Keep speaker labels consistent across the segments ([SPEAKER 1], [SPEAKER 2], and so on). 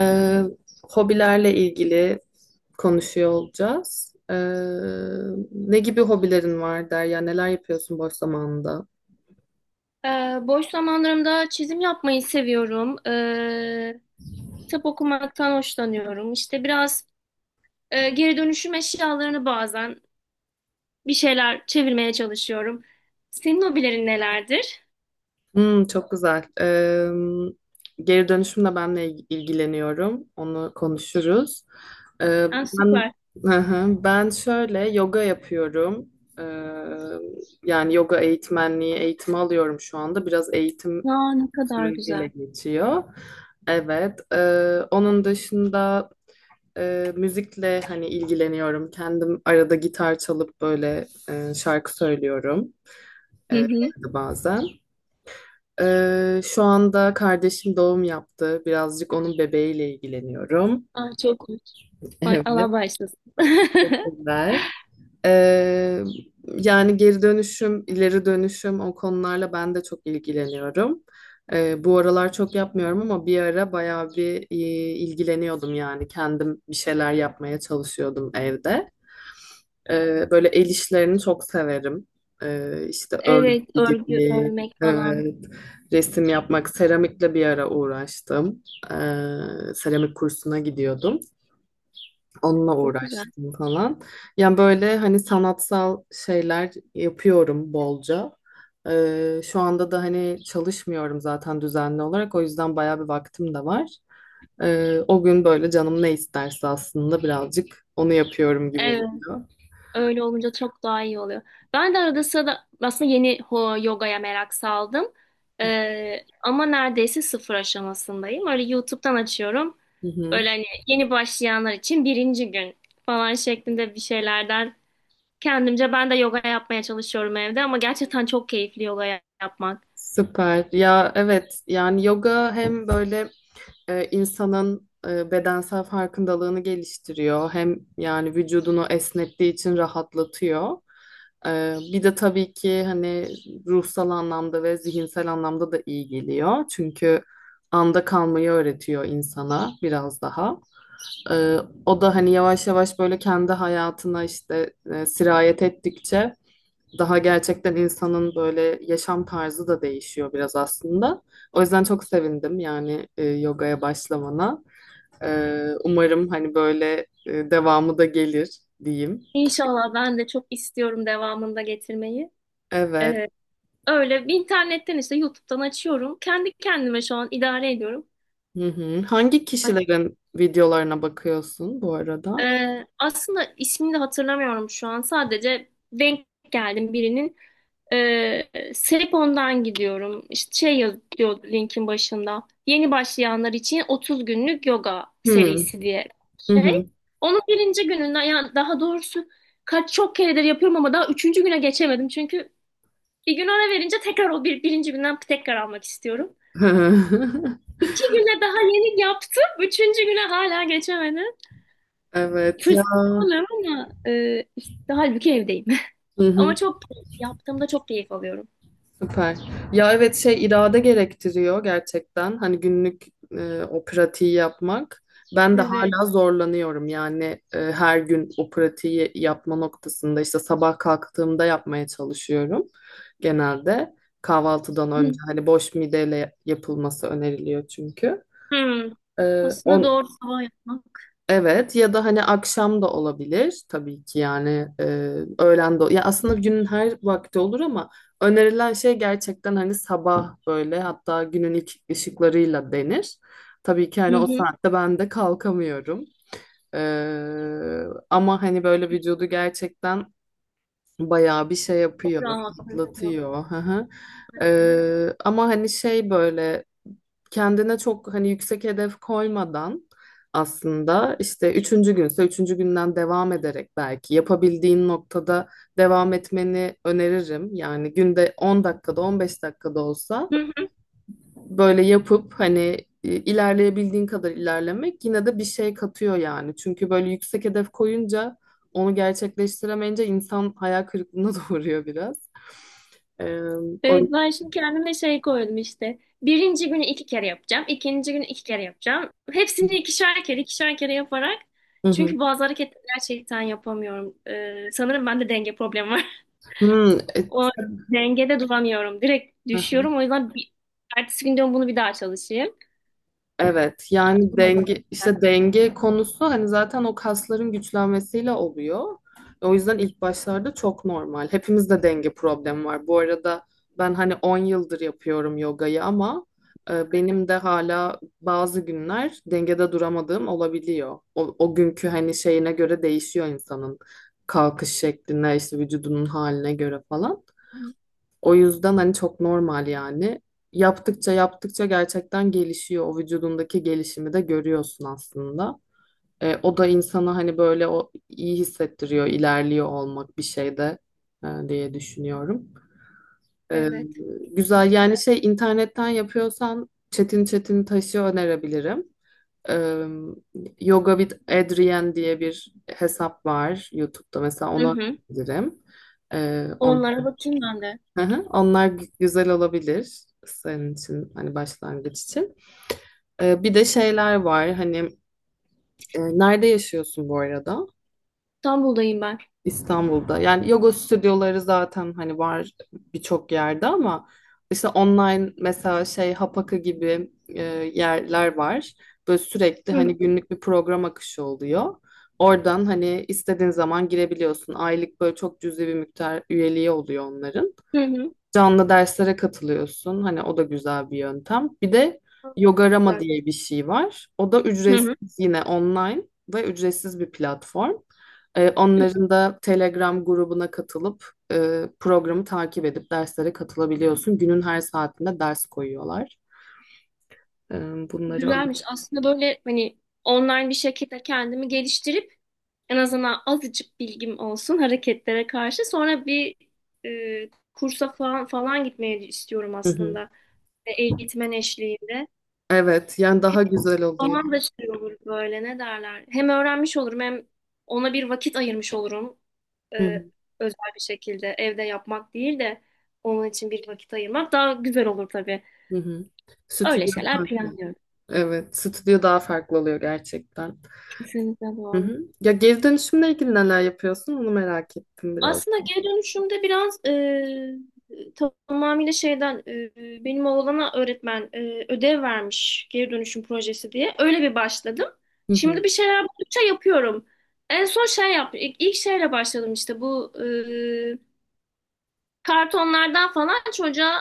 [SPEAKER 1] Ee, Hobilerle ilgili konuşuyor olacağız. Ne gibi hobilerin var der ya, neler yapıyorsun boş zamanında?
[SPEAKER 2] Boş zamanlarımda çizim yapmayı seviyorum. Kitap okumaktan hoşlanıyorum. İşte biraz geri dönüşüm eşyalarını bazen bir şeyler çevirmeye çalışıyorum. Senin hobilerin nelerdir?
[SPEAKER 1] Hmm, çok güzel. Geri dönüşümle ben de ilgileniyorum. Onu konuşuruz. Ee,
[SPEAKER 2] Ah,
[SPEAKER 1] ben
[SPEAKER 2] süper.
[SPEAKER 1] Hı hı. Ben şöyle yoga yapıyorum. Ee, Yani yoga eğitmenliği eğitimi alıyorum şu anda. Biraz eğitim
[SPEAKER 2] Aa, ne kadar
[SPEAKER 1] süreciyle
[SPEAKER 2] güzel.
[SPEAKER 1] geçiyor. Evet. Onun dışında müzikle hani ilgileniyorum. Kendim arada gitar çalıp böyle şarkı söylüyorum
[SPEAKER 2] Hı hı.
[SPEAKER 1] evde bazen. Şu anda kardeşim doğum yaptı. Birazcık onun bebeğiyle ilgileniyorum.
[SPEAKER 2] Ah, çok hoş. Ay, Allah
[SPEAKER 1] Evet,
[SPEAKER 2] bağışlasın.
[SPEAKER 1] teşekkürler. E, Yani geri dönüşüm, ileri dönüşüm o konularla ben de çok ilgileniyorum. Bu aralar çok yapmıyorum ama bir ara bayağı bir ilgileniyordum, yani kendim bir şeyler yapmaya çalışıyordum evde. Böyle el işlerini çok severim. İşte örgü
[SPEAKER 2] Evet, örgü
[SPEAKER 1] gibi,
[SPEAKER 2] örmek falan.
[SPEAKER 1] evet, resim yapmak, seramikle bir ara uğraştım. Seramik kursuna gidiyordum. Onunla
[SPEAKER 2] Çok güzel.
[SPEAKER 1] uğraştım falan. Yani böyle hani sanatsal şeyler yapıyorum bolca. Şu anda da hani çalışmıyorum zaten düzenli olarak. O yüzden bayağı bir vaktim de var. O gün böyle canım ne isterse aslında birazcık onu yapıyorum gibi
[SPEAKER 2] Evet.
[SPEAKER 1] oluyor.
[SPEAKER 2] Öyle olunca çok daha iyi oluyor. Ben de arada sırada aslında yeni yogaya merak saldım. Ama neredeyse sıfır aşamasındayım. Öyle YouTube'dan açıyorum.
[SPEAKER 1] Hı hı.
[SPEAKER 2] Böyle hani yeni başlayanlar için birinci gün falan şeklinde bir şeylerden kendimce ben de yoga yapmaya çalışıyorum evde, ama gerçekten çok keyifli yoga yapmak.
[SPEAKER 1] Süper. Ya evet, yani yoga hem böyle insanın bedensel farkındalığını geliştiriyor, hem yani vücudunu esnettiği için rahatlatıyor. Bir de tabii ki hani ruhsal anlamda ve zihinsel anlamda da iyi geliyor. Çünkü anda kalmayı öğretiyor insana biraz daha. E, O da hani yavaş yavaş böyle kendi hayatına işte sirayet ettikçe daha gerçekten insanın böyle yaşam tarzı da değişiyor biraz aslında. O yüzden çok sevindim yani yogaya başlamana. Umarım hani böyle devamı da gelir diyeyim.
[SPEAKER 2] İnşallah ben de çok istiyorum devamında getirmeyi.
[SPEAKER 1] Evet.
[SPEAKER 2] Ee, Öyle bir internetten işte YouTube'dan açıyorum. Kendi kendime şu an idare ediyorum.
[SPEAKER 1] Hı hı. Hangi kişilerin videolarına bakıyorsun bu arada?
[SPEAKER 2] Aslında ismini de hatırlamıyorum şu an. Sadece denk geldim birinin. Selepon'dan gidiyorum. İşte şey yazıyor linkin başında. Yeni başlayanlar için 30 günlük yoga
[SPEAKER 1] Hı
[SPEAKER 2] serisi diye
[SPEAKER 1] hı. Hı.
[SPEAKER 2] şey. Onun birinci gününden, yani daha doğrusu kaç çok keredir yapıyorum ama daha üçüncü güne geçemedim. Çünkü bir gün ara verince tekrar o birinci günden tekrar almak istiyorum. İki güne daha yeni yaptım. Üçüncü güne hala geçemedim.
[SPEAKER 1] Evet ya.
[SPEAKER 2] Fırsat bulamıyorum ama işte halbuki evdeyim.
[SPEAKER 1] Hı
[SPEAKER 2] Ama
[SPEAKER 1] hı.
[SPEAKER 2] çok yaptığımda çok keyif alıyorum.
[SPEAKER 1] Süper. Ya evet, şey, irade gerektiriyor gerçekten. Hani günlük o pratiği yapmak. Ben de
[SPEAKER 2] Evet.
[SPEAKER 1] hala zorlanıyorum yani her gün o pratiği yapma noktasında, işte sabah kalktığımda yapmaya çalışıyorum genelde. Kahvaltıdan önce
[SPEAKER 2] Hı.
[SPEAKER 1] hani boş mideyle yapılması öneriliyor çünkü.
[SPEAKER 2] Hı.
[SPEAKER 1] E,
[SPEAKER 2] Aslında
[SPEAKER 1] on,
[SPEAKER 2] doğru sabah yapmak.
[SPEAKER 1] Evet, ya da hani akşam da olabilir tabii ki, yani öğlen de ya, aslında günün her vakti olur ama önerilen şey gerçekten hani sabah böyle, hatta günün ilk ışıklarıyla denir. Tabii ki hani
[SPEAKER 2] Hı
[SPEAKER 1] o
[SPEAKER 2] hı.
[SPEAKER 1] saatte ben de kalkamıyorum. E, Ama hani böyle vücudu gerçekten bayağı bir şey
[SPEAKER 2] Çok
[SPEAKER 1] yapıyor,
[SPEAKER 2] rahatlatıyor.
[SPEAKER 1] atlatıyor.
[SPEAKER 2] Hı
[SPEAKER 1] Ama hani şey böyle, kendine çok hani yüksek hedef koymadan, aslında işte üçüncü günse üçüncü günden devam ederek belki yapabildiğin noktada devam etmeni öneririm. Yani günde 10 dakikada 15 dakikada olsa
[SPEAKER 2] hı.
[SPEAKER 1] böyle yapıp hani ilerleyebildiğin kadar ilerlemek yine de bir şey katıyor yani. Çünkü böyle yüksek hedef koyunca onu gerçekleştiremeyince insan hayal kırıklığına doğruyor biraz. Ee, o...
[SPEAKER 2] Evet, ben şimdi kendime şey koydum işte. Birinci günü iki kere yapacağım. İkinci günü iki kere yapacağım. Hepsini ikişer kere, ikişer kere yaparak.
[SPEAKER 1] Hı
[SPEAKER 2] Çünkü
[SPEAKER 1] hı.
[SPEAKER 2] bazı hareketleri gerçekten yapamıyorum. Sanırım bende denge problemi var.
[SPEAKER 1] Hmm,
[SPEAKER 2] O, dengede duramıyorum. Direkt
[SPEAKER 1] e-
[SPEAKER 2] düşüyorum. O yüzden ertesi gün diyorum bunu bir daha çalışayım.
[SPEAKER 1] Evet, yani
[SPEAKER 2] Bulamadım.
[SPEAKER 1] denge, işte denge konusu hani zaten o kasların güçlenmesiyle oluyor. O yüzden ilk başlarda çok normal. Hepimizde denge problemi var. Bu arada ben hani 10 yıldır yapıyorum yogayı ama benim de hala bazı günler dengede duramadığım olabiliyor. O günkü hani şeyine göre değişiyor insanın kalkış şekline, işte vücudunun haline göre falan. O yüzden hani çok normal yani. Yaptıkça yaptıkça gerçekten gelişiyor. O vücudundaki gelişimi de görüyorsun aslında. O da insana hani böyle o iyi hissettiriyor, ilerliyor olmak bir şeyde diye düşünüyorum. E,
[SPEAKER 2] Evet.
[SPEAKER 1] Güzel, yani şey internetten yapıyorsan Çetin Taş'ı önerebilirim. E, Yoga with Adrian diye bir hesap var YouTube'da, mesela
[SPEAKER 2] Hı
[SPEAKER 1] onu
[SPEAKER 2] hı.
[SPEAKER 1] önerebilirim. E, on-
[SPEAKER 2] Onlara bakayım ben de.
[SPEAKER 1] Hı hı, onlar güzel olabilir senin için hani başlangıç için. Bir de şeyler var hani, nerede yaşıyorsun bu arada?
[SPEAKER 2] İstanbul'dayım ben.
[SPEAKER 1] İstanbul'da. Yani yoga stüdyoları zaten hani var birçok yerde ama işte online mesela şey Hapaka gibi yerler var. Böyle sürekli
[SPEAKER 2] Hı
[SPEAKER 1] hani
[SPEAKER 2] hı.
[SPEAKER 1] günlük bir program akışı oluyor. Oradan hani istediğin zaman girebiliyorsun. Aylık böyle çok cüzi bir miktar üyeliği oluyor onların.
[SPEAKER 2] Hı. Hı.
[SPEAKER 1] Canlı derslere katılıyorsun. Hani o da güzel bir yöntem. Bir de Yogarama
[SPEAKER 2] Güzel.
[SPEAKER 1] diye bir şey var. O da
[SPEAKER 2] Hı hı.
[SPEAKER 1] ücretsiz, yine online ve ücretsiz bir platform. Onların da Telegram grubuna katılıp programı takip edip derslere katılabiliyorsun. Günün her saatinde ders koyuyorlar. Ee, Bunları.
[SPEAKER 2] Güzelmiş. Aslında böyle hani online bir şekilde kendimi geliştirip en azından azıcık bilgim olsun hareketlere karşı. Sonra bir kursa falan falan gitmeyi istiyorum
[SPEAKER 1] Hı hı.
[SPEAKER 2] aslında. Eğitmen eşliğinde.
[SPEAKER 1] Evet, yani daha güzel oluyor.
[SPEAKER 2] Zaman da şey olur böyle, ne derler. Hem öğrenmiş olurum, hem ona bir vakit ayırmış olurum.
[SPEAKER 1] Hı
[SPEAKER 2] Ee,
[SPEAKER 1] hı.
[SPEAKER 2] Özel bir şekilde evde yapmak değil de onun için bir vakit ayırmak daha güzel olur tabii.
[SPEAKER 1] Hı hı.
[SPEAKER 2] Öyle
[SPEAKER 1] Stüdyo
[SPEAKER 2] şeyler
[SPEAKER 1] farklı.
[SPEAKER 2] planlıyorum.
[SPEAKER 1] Evet, stüdyo daha farklı oluyor gerçekten.
[SPEAKER 2] Kesinlikle
[SPEAKER 1] Hı
[SPEAKER 2] doğru.
[SPEAKER 1] hı. Ya geri dönüşümle ilgili neler yapıyorsun? Onu merak ettim biraz.
[SPEAKER 2] Aslında geri dönüşümde biraz tamamıyla şeyden, benim oğlana öğretmen ödev vermiş geri dönüşüm projesi diye. Öyle bir başladım.
[SPEAKER 1] Hı
[SPEAKER 2] Şimdi
[SPEAKER 1] hı.
[SPEAKER 2] bir şeyler buldukça yapıyorum. En son şey yaptım. İlk şeyle başladım, işte bu kartonlardan falan çocuğa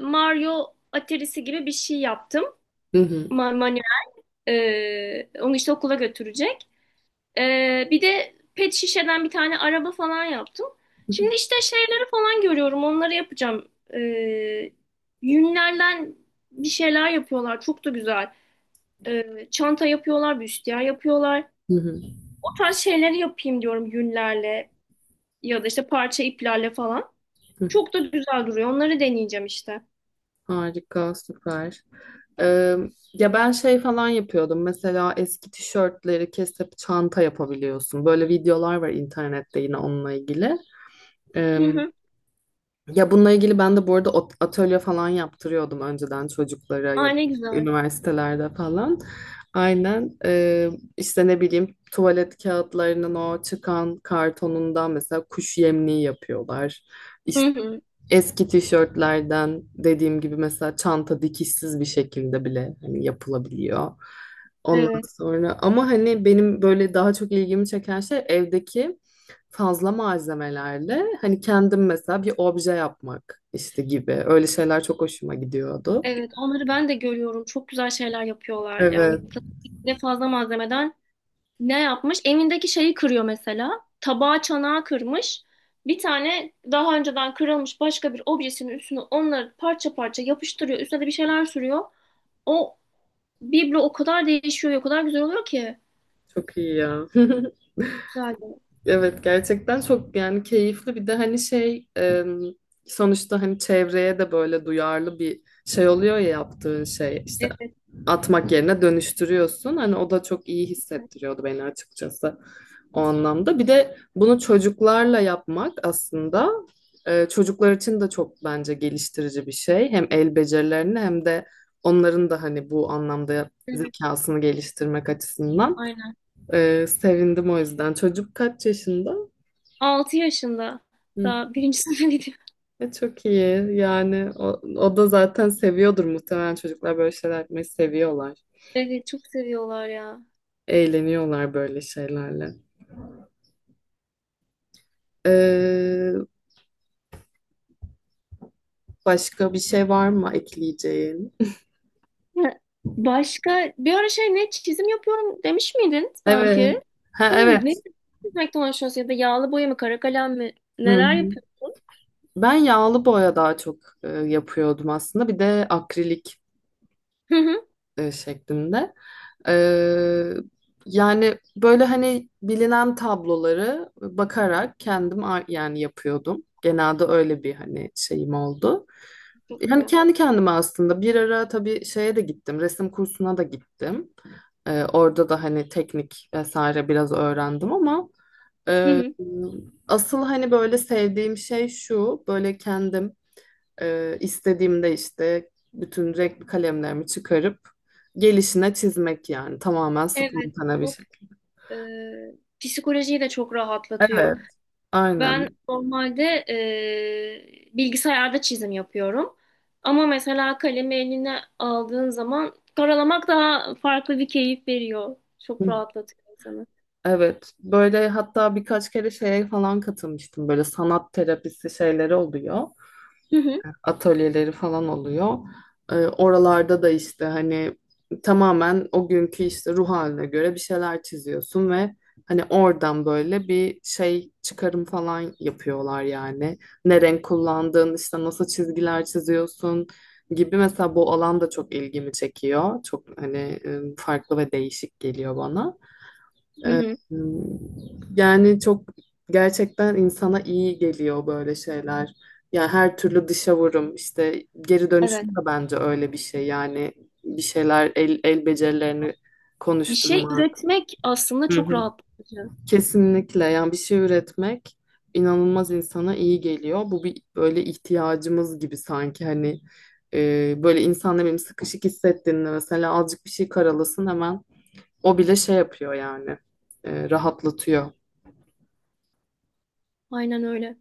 [SPEAKER 2] Mario Atari'si gibi bir şey yaptım.
[SPEAKER 1] Hı hı.
[SPEAKER 2] Manuel. Onu işte okula götürecek. Bir de pet şişeden bir tane araba falan yaptım.
[SPEAKER 1] Hı
[SPEAKER 2] Şimdi işte şeyleri falan görüyorum. Onları yapacağım. Yünlerden bir şeyler yapıyorlar. Çok da güzel. Çanta yapıyorlar, büstiyer yapıyorlar.
[SPEAKER 1] hı.
[SPEAKER 2] O tarz şeyleri yapayım diyorum yünlerle ya da işte parça iplerle falan.
[SPEAKER 1] Hı hı.
[SPEAKER 2] Çok da güzel duruyor. Onları deneyeceğim işte.
[SPEAKER 1] Harika, süper. Ee, Ya ben şey falan yapıyordum. Mesela eski tişörtleri kesip çanta yapabiliyorsun. Böyle videolar var internette, yine onunla ilgili.
[SPEAKER 2] Hı
[SPEAKER 1] Ee,
[SPEAKER 2] hı.
[SPEAKER 1] Ya bununla ilgili ben de bu arada atölye falan yaptırıyordum önceden, çocuklara ya da
[SPEAKER 2] Ay, ne
[SPEAKER 1] işte
[SPEAKER 2] güzel.
[SPEAKER 1] üniversitelerde falan. Aynen. İşte ne bileyim, tuvalet kağıtlarının o çıkan kartonundan mesela kuş yemliği yapıyorlar.
[SPEAKER 2] Hı
[SPEAKER 1] İşte
[SPEAKER 2] hı.
[SPEAKER 1] eski tişörtlerden dediğim gibi mesela çanta dikişsiz bir şekilde bile hani yapılabiliyor. Ondan
[SPEAKER 2] Evet.
[SPEAKER 1] sonra ama hani benim böyle daha çok ilgimi çeken şey evdeki fazla malzemelerle hani kendim mesela bir obje yapmak işte gibi. Öyle şeyler çok hoşuma gidiyordu.
[SPEAKER 2] Evet, onları ben de görüyorum. Çok güzel şeyler yapıyorlar. Yani
[SPEAKER 1] Evet,
[SPEAKER 2] de fazla malzemeden ne yapmış? Evindeki şeyi kırıyor mesela. Tabağı çanağı kırmış. Bir tane daha önceden kırılmış başka bir objesinin üstüne onları parça parça yapıştırıyor. Üstüne de bir şeyler sürüyor. O biblo o kadar değişiyor, o kadar güzel oluyor ki.
[SPEAKER 1] çok iyi ya.
[SPEAKER 2] Güzel.
[SPEAKER 1] Evet, gerçekten çok yani keyifli, bir de hani şey, sonuçta hani çevreye de böyle duyarlı bir şey oluyor ya, yaptığın şey işte
[SPEAKER 2] Evet, evet,
[SPEAKER 1] atmak yerine dönüştürüyorsun. Hani o da çok iyi hissettiriyordu beni açıkçası o anlamda. Bir de bunu çocuklarla yapmak aslında çocuklar için de çok bence geliştirici bir şey. Hem el becerilerini hem de onların da hani bu anlamda
[SPEAKER 2] evet.
[SPEAKER 1] zekasını geliştirmek açısından.
[SPEAKER 2] Aynen.
[SPEAKER 1] Sevindim o yüzden. Çocuk kaç yaşında?
[SPEAKER 2] 6 yaşında.
[SPEAKER 1] Hı.
[SPEAKER 2] Daha birinci sınıfa gidiyor.
[SPEAKER 1] Çok iyi. Yani o da zaten seviyordur muhtemelen, çocuklar böyle şeyler yapmayı seviyorlar.
[SPEAKER 2] Evet, çok seviyorlar ya.
[SPEAKER 1] Eğleniyorlar böyle şeylerle. Ee, Başka bir şey var mı ekleyeceğin?
[SPEAKER 2] Ha, başka bir ara şey, ne çizim yapıyorum demiş miydin
[SPEAKER 1] Evet.
[SPEAKER 2] sanki?
[SPEAKER 1] Ha,
[SPEAKER 2] Değil mi? Ne
[SPEAKER 1] evet.
[SPEAKER 2] çizmekten hoşlanıyorsun, ya da yağlı boya mı, kara kalem mi,
[SPEAKER 1] Hı
[SPEAKER 2] neler
[SPEAKER 1] hı.
[SPEAKER 2] yapıyorsun?
[SPEAKER 1] Ben yağlı boya daha çok yapıyordum aslında. Bir de akrilik
[SPEAKER 2] Hı hı.
[SPEAKER 1] şeklinde. Ee, Yani böyle hani bilinen tabloları bakarak kendim yani yapıyordum. Genelde öyle bir hani şeyim oldu.
[SPEAKER 2] Çok
[SPEAKER 1] Yani
[SPEAKER 2] güzel.
[SPEAKER 1] kendi kendime aslında bir ara tabii şeye de gittim, resim kursuna da gittim. Orada da hani teknik vesaire biraz öğrendim ama
[SPEAKER 2] Hı
[SPEAKER 1] e,
[SPEAKER 2] hı.
[SPEAKER 1] asıl hani böyle sevdiğim şey şu, böyle kendim istediğimde işte bütün renkli kalemlerimi çıkarıp gelişine çizmek, yani tamamen
[SPEAKER 2] Evet,
[SPEAKER 1] spontane bir
[SPEAKER 2] çok
[SPEAKER 1] şekilde.
[SPEAKER 2] e, psikolojiyi de çok
[SPEAKER 1] Evet,
[SPEAKER 2] rahatlatıyor. Ben
[SPEAKER 1] aynen.
[SPEAKER 2] normalde bilgisayarda çizim yapıyorum. Ama mesela kalemi eline aldığın zaman karalamak daha farklı bir keyif veriyor. Çok
[SPEAKER 1] Hı.
[SPEAKER 2] rahatlatıyor insanı.
[SPEAKER 1] Evet, böyle hatta birkaç kere şeye falan katılmıştım. Böyle sanat terapisi şeyleri oluyor.
[SPEAKER 2] Hı hı.
[SPEAKER 1] Atölyeleri falan oluyor. Oralarda da işte hani tamamen o günkü işte ruh haline göre bir şeyler çiziyorsun ve hani oradan böyle bir şey çıkarım falan yapıyorlar yani. Ne renk kullandığın, işte nasıl çizgiler çiziyorsun gibi, mesela bu alan da çok ilgimi çekiyor. Çok hani farklı ve değişik geliyor bana.
[SPEAKER 2] Hı
[SPEAKER 1] Ee,
[SPEAKER 2] hı.
[SPEAKER 1] Yani çok, gerçekten insana iyi geliyor böyle şeyler. Yani her türlü dışa vurum, işte geri dönüşüm
[SPEAKER 2] Evet.
[SPEAKER 1] de bence öyle bir şey. Yani bir şeyler, el becerilerini
[SPEAKER 2] Bir şey
[SPEAKER 1] konuşturmak.
[SPEAKER 2] üretmek aslında
[SPEAKER 1] Hı
[SPEAKER 2] çok
[SPEAKER 1] hı.
[SPEAKER 2] rahatlatıcı.
[SPEAKER 1] Kesinlikle, yani bir şey üretmek inanılmaz insana iyi geliyor. Bu bir böyle ihtiyacımız gibi sanki hani, böyle insan ne bileyim sıkışık hissettiğinde mesela azıcık bir şey karalasın, hemen o bile şey yapıyor yani, rahatlatıyor.
[SPEAKER 2] Aynen öyle.